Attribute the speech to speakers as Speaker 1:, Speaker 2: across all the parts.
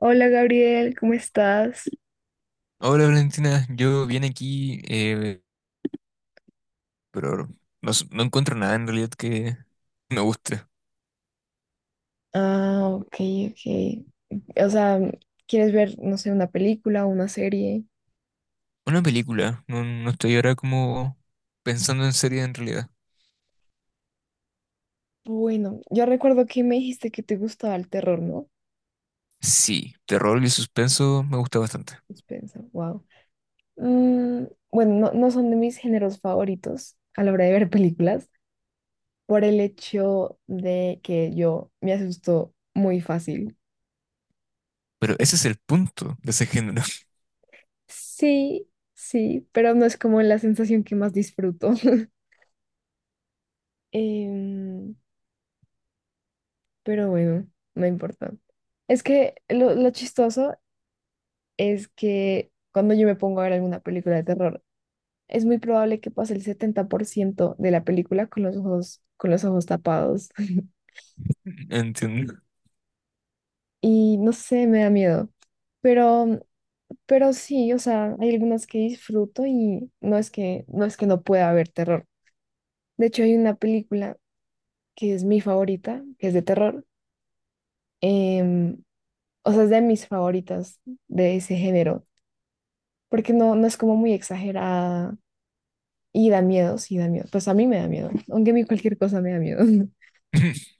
Speaker 1: Hola Gabriel, ¿cómo estás?
Speaker 2: Hola Valentina, yo vine aquí, pero no, no encuentro nada en realidad que me guste.
Speaker 1: Ah, ok, ok. O sea, ¿quieres ver, no sé, una película o una serie?
Speaker 2: Una película, no, no estoy ahora como pensando en serie en realidad.
Speaker 1: Bueno, yo recuerdo que me dijiste que te gustaba el terror, ¿no?
Speaker 2: Sí, terror y suspenso me gusta bastante,
Speaker 1: Suspensa, wow. Mm, bueno, no, no son de mis géneros favoritos a la hora de ver películas, por el hecho de que yo me asusto muy fácil.
Speaker 2: pero ese es el punto de ese género.
Speaker 1: Sí, sí, pero no es como la sensación que más disfruto. Em, pero bueno, no importa. Es que lo chistoso es que cuando yo me pongo a ver alguna película de terror, es muy probable que pase el 70% de la película con los ojos tapados.
Speaker 2: Entiendo.
Speaker 1: Y no sé, me da miedo. Pero, pero sí, o sea, hay algunas que disfruto y no es que no pueda haber terror. De hecho, hay una película que es mi favorita, que es de terror. em, o sea, es de mis favoritas de ese género porque no, no es como muy exagerada y da miedo, sí da miedo. Pues a mí me da miedo, aunque a mí cualquier cosa me da miedo.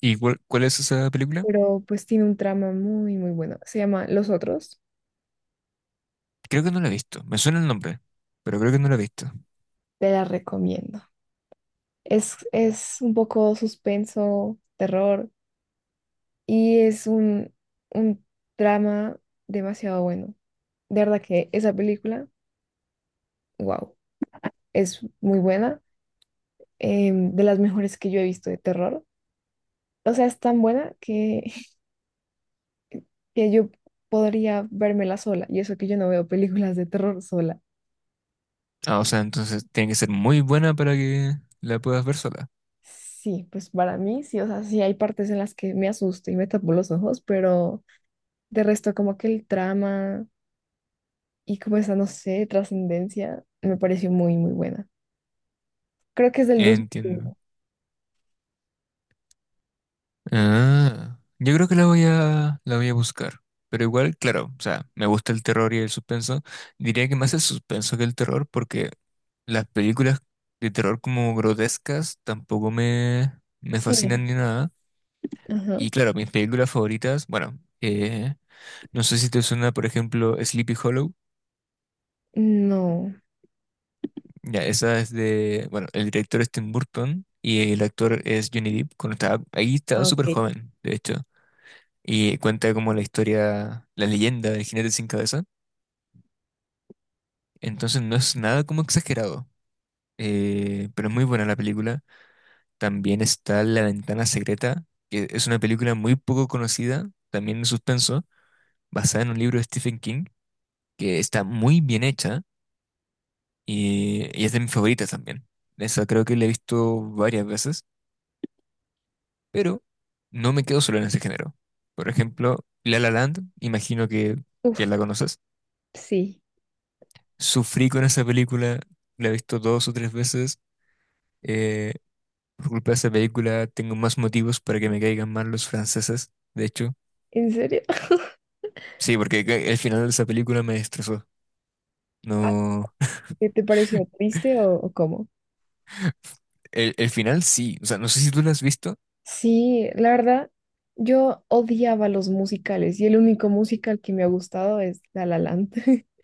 Speaker 2: ¿Y cuál es esa película?
Speaker 1: Pero pues tiene un trama muy, muy bueno. Se llama Los Otros,
Speaker 2: Creo que no la he visto, me suena el nombre, pero creo que no la he visto.
Speaker 1: te la recomiendo. Es un poco suspenso, terror y es un drama demasiado bueno. De verdad que esa película, wow, es muy buena, de las mejores que yo he visto de terror. O sea, es tan buena que yo podría vérmela sola, y eso que yo no veo películas de terror sola.
Speaker 2: Ah, o sea, entonces tiene que ser muy buena para que la puedas ver sola.
Speaker 1: Sí, pues para mí sí, o sea, sí hay partes en las que me asusto y me tapo los ojos, pero de resto como que el trama y como esa, no sé, trascendencia me pareció muy, muy buena. Creo que es del
Speaker 2: Entiendo.
Speaker 1: 2001.
Speaker 2: Ah, yo creo que la voy a buscar. Pero igual, claro, o sea, me gusta el terror y el suspenso. Diría que más el suspenso que el terror, porque las películas de terror como grotescas tampoco me fascinan
Speaker 1: Sí.
Speaker 2: ni nada.
Speaker 1: Ajá.
Speaker 2: Y claro, mis películas favoritas, bueno, no sé si te suena, por ejemplo, Sleepy Hollow.
Speaker 1: No.
Speaker 2: Ya, esa es de, bueno, el director es Tim Burton y el actor es Johnny Depp. Cuando estaba, ahí estaba
Speaker 1: Ah,
Speaker 2: súper
Speaker 1: ok.
Speaker 2: joven, de hecho. Y cuenta como la historia, la leyenda del jinete sin cabeza. Entonces no es nada como exagerado, pero es muy buena la película. También está La ventana secreta, que es una película muy poco conocida, también de suspenso, basada en un libro de Stephen King, que está muy bien hecha y es de mis favoritas también. Esa creo que la he visto varias veces, pero no me quedo solo en ese género. Por ejemplo, La La Land, imagino que
Speaker 1: Uf,
Speaker 2: la conoces.
Speaker 1: sí.
Speaker 2: Sufrí con esa película, la he visto dos o tres veces. eh, por culpa de esa película tengo más motivos para que me caigan mal los franceses, de hecho.
Speaker 1: ¿En serio?
Speaker 2: Sí, porque el final de esa película me destrozó.
Speaker 1: Ah,
Speaker 2: No,
Speaker 1: ¿qué te pareció triste o cómo?
Speaker 2: el final sí, o sea, no sé si tú la has visto.
Speaker 1: Sí, la verdad, yo odiaba los musicales y el único musical que me ha gustado es La La Land.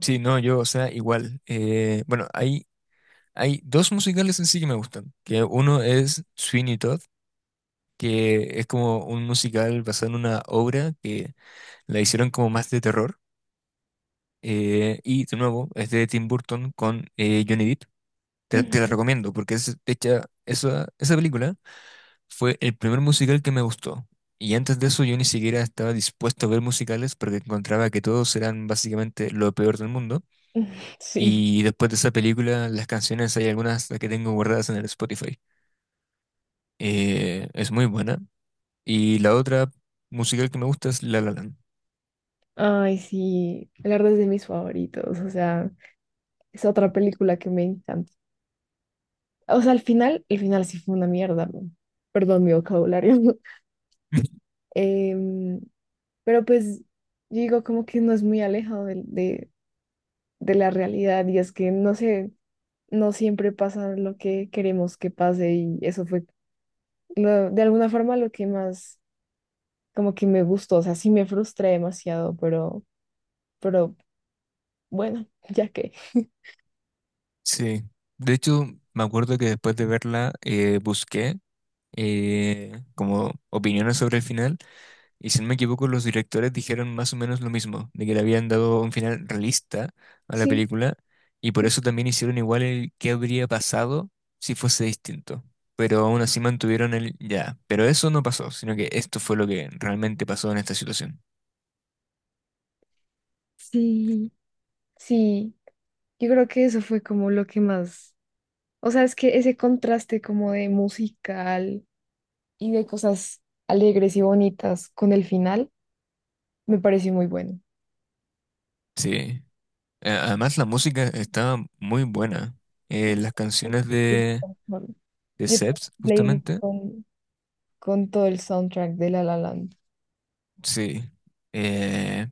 Speaker 2: Sí, no, yo, o sea, igual. Bueno, hay dos musicales en sí que me gustan, que uno es Sweeney Todd, que es como un musical basado en una obra que la hicieron como más de terror. Y de nuevo, es de Tim Burton con Johnny Depp. Te la
Speaker 1: Ujú.
Speaker 2: recomiendo porque es, de hecho, esa película fue el primer musical que me gustó. Y antes de eso yo ni siquiera estaba dispuesto a ver musicales porque encontraba que todos eran básicamente lo peor del mundo.
Speaker 1: Sí,
Speaker 2: Y después de esa película, las canciones, hay algunas que tengo guardadas en el Spotify. Es muy buena. Y la otra musical que me gusta es La La Land.
Speaker 1: ay, sí, la verdad es de mis favoritos, o sea, es otra película que me encanta. O sea, al final, el final sí fue una mierda, ¿no? Perdón mi vocabulario. Em, pero pues yo digo como que no es muy alejado de la realidad y es que no sé, no siempre pasa lo que queremos que pase y eso fue de alguna forma lo que más como que me gustó, o sea, sí me frustré demasiado, pero bueno, ya que
Speaker 2: Sí, de hecho me acuerdo que después de verla busqué como opiniones sobre el final, y si no me equivoco, los directores dijeron más o menos lo mismo, de que le habían dado un final realista a la
Speaker 1: sí.
Speaker 2: película, y por eso también hicieron igual el qué habría pasado si fuese distinto. Pero aún así mantuvieron el ya. Pero eso no pasó, sino que esto fue lo que realmente pasó en esta situación.
Speaker 1: Sí, sí, yo creo que eso fue como lo que más, o sea, es que ese contraste como de musical y de cosas alegres y bonitas con el final me pareció muy bueno.
Speaker 2: Sí. Además, la música estaba muy buena. Las canciones de
Speaker 1: Yo tengo
Speaker 2: Seps,
Speaker 1: una playlist
Speaker 2: justamente,
Speaker 1: con todo el soundtrack de La La Land.
Speaker 2: sí. Eh,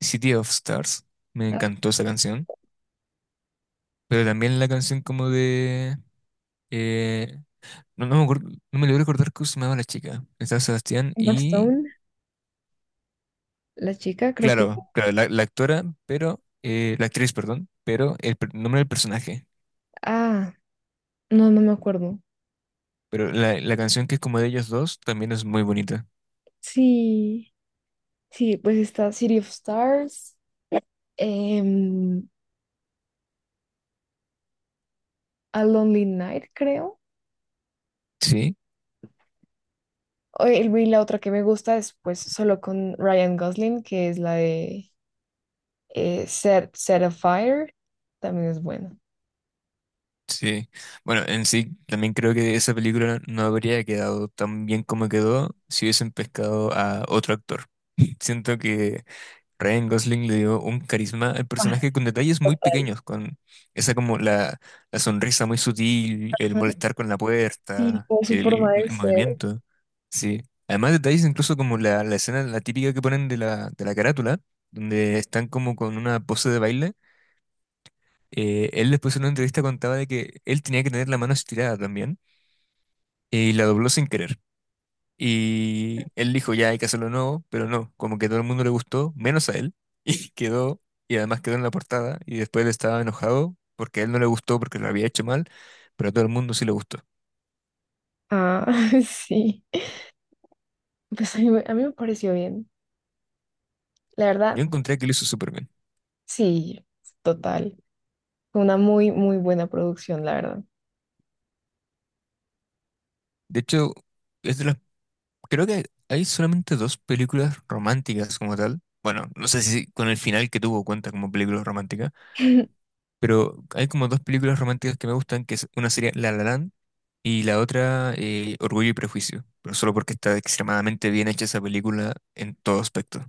Speaker 2: City of Stars, me
Speaker 1: Ah,
Speaker 2: encantó esa canción, pero también la canción como de... eh, no, no me acuerdo, no me logro recordar cómo se llamaba la chica, estaba Sebastián
Speaker 1: Emma
Speaker 2: y...
Speaker 1: Stone, la chica, creo que.
Speaker 2: Claro, claro, la actora, pero... la actriz, perdón, pero el nombre del personaje.
Speaker 1: Ah, no, no me acuerdo.
Speaker 2: Pero la canción que es como de ellos dos también es muy bonita.
Speaker 1: Sí, sí, pues está City of Stars, em, A Lonely Night, creo.
Speaker 2: Sí,
Speaker 1: O y la otra que me gusta es pues solo con Ryan Gosling, que es la de Set of Fire. También es buena.
Speaker 2: sí. Bueno, en sí, también creo que esa película no habría quedado tan bien como quedó si hubiesen pescado a otro actor. Siento que Ryan Gosling le dio un carisma al
Speaker 1: Ah,
Speaker 2: personaje con detalles muy pequeños, con esa como la sonrisa muy sutil, el
Speaker 1: ajá.
Speaker 2: molestar con la
Speaker 1: Y
Speaker 2: puerta,
Speaker 1: como su forma de
Speaker 2: el
Speaker 1: ser.
Speaker 2: movimiento. Sí. Además, detalles incluso como la escena, la típica que ponen de de la carátula, donde están como con una pose de baile. Él después en una entrevista contaba de que él tenía que tener la mano estirada también, y la dobló sin querer. Y él dijo, ya hay que hacerlo nuevo, pero no, como que todo el mundo le gustó, menos a él, y quedó, y además quedó en la portada, y después él estaba enojado porque a él no le gustó porque lo había hecho mal, pero a todo el mundo sí le gustó.
Speaker 1: Ah, sí. Pues a mí, a mí me pareció bien. La
Speaker 2: Yo
Speaker 1: verdad,
Speaker 2: encontré que lo hizo súper bien.
Speaker 1: sí, total. Fue una muy, muy buena producción, la verdad.
Speaker 2: De hecho, es de las, creo que hay solamente dos películas románticas como tal. Bueno, no sé si con el final que tuvo cuenta como película romántica, pero hay como dos películas románticas que me gustan, que es una sería La La Land y la otra Orgullo y Prejuicio, pero solo porque está extremadamente bien hecha esa película en todo aspecto.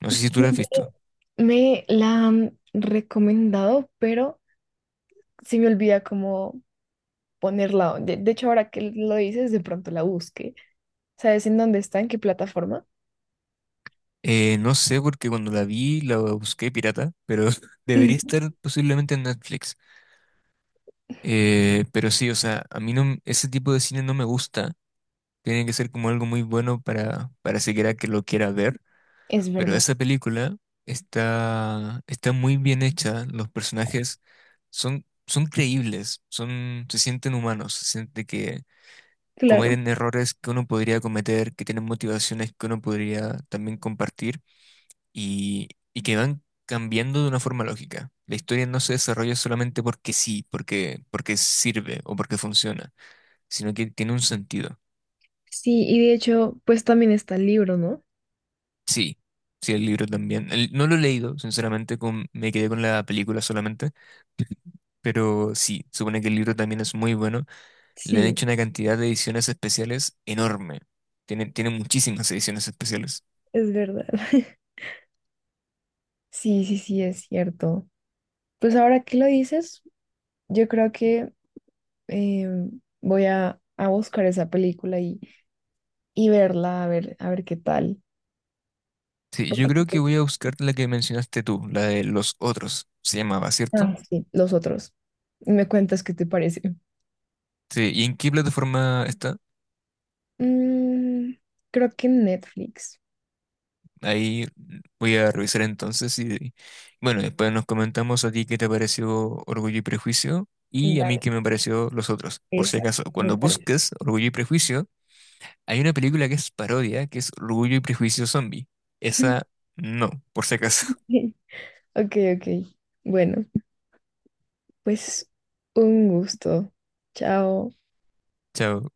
Speaker 2: No sé
Speaker 1: Sí,
Speaker 2: si tú la has visto.
Speaker 1: me la han recomendado, pero se me olvida cómo ponerla. De hecho, ahora que lo dices, de pronto la busque. ¿Sabes en dónde está? ¿En qué plataforma?
Speaker 2: No sé porque cuando la vi la busqué pirata, pero debería estar posiblemente en Netflix. Pero sí, o sea, a mí no, ese tipo de cine no me gusta. Tiene que ser como algo muy bueno para siquiera que lo quiera ver.
Speaker 1: Es
Speaker 2: Pero
Speaker 1: verdad,
Speaker 2: esa película está muy bien hecha. Los personajes son creíbles, son, se sienten humanos, se siente que
Speaker 1: claro.
Speaker 2: cometen errores que uno podría cometer, que tienen motivaciones que uno podría también compartir y, y que van cambiando de una forma lógica. La historia no se desarrolla solamente porque sí, porque sirve o porque funciona, sino que tiene un sentido.
Speaker 1: Sí, y de hecho, pues también está el libro, ¿no?
Speaker 2: Sí, sí, el libro también. No lo he leído, sinceramente, me quedé con la película solamente. Pero sí, supone que el libro también es muy bueno. Le han
Speaker 1: Sí,
Speaker 2: hecho una cantidad de ediciones especiales enorme. Tiene muchísimas ediciones especiales.
Speaker 1: es verdad. Sí, sí, sí, es cierto. Pues ahora que lo dices, yo creo que eh, voy a buscar esa película y verla, a ver qué tal.
Speaker 2: Sí, yo creo que voy a buscar la que mencionaste tú, la de Los Otros, se llamaba, ¿cierto?
Speaker 1: Ah, sí, los otros. Me cuentas qué te parece.
Speaker 2: Sí, ¿y en qué plataforma está?
Speaker 1: Mm, creo que Netflix.
Speaker 2: Ahí voy a revisar entonces y bueno, después nos comentamos a ti qué te pareció Orgullo y Prejuicio y a mí
Speaker 1: Dale,
Speaker 2: qué me pareció los otros. Por si
Speaker 1: exacto,
Speaker 2: acaso,
Speaker 1: me
Speaker 2: cuando
Speaker 1: parece.
Speaker 2: busques Orgullo y Prejuicio, hay una película que es parodia, que es Orgullo y Prejuicio Zombie. Esa no, por si acaso.
Speaker 1: Ok, ok. Bueno, pues un gusto. Chao.
Speaker 2: Chao.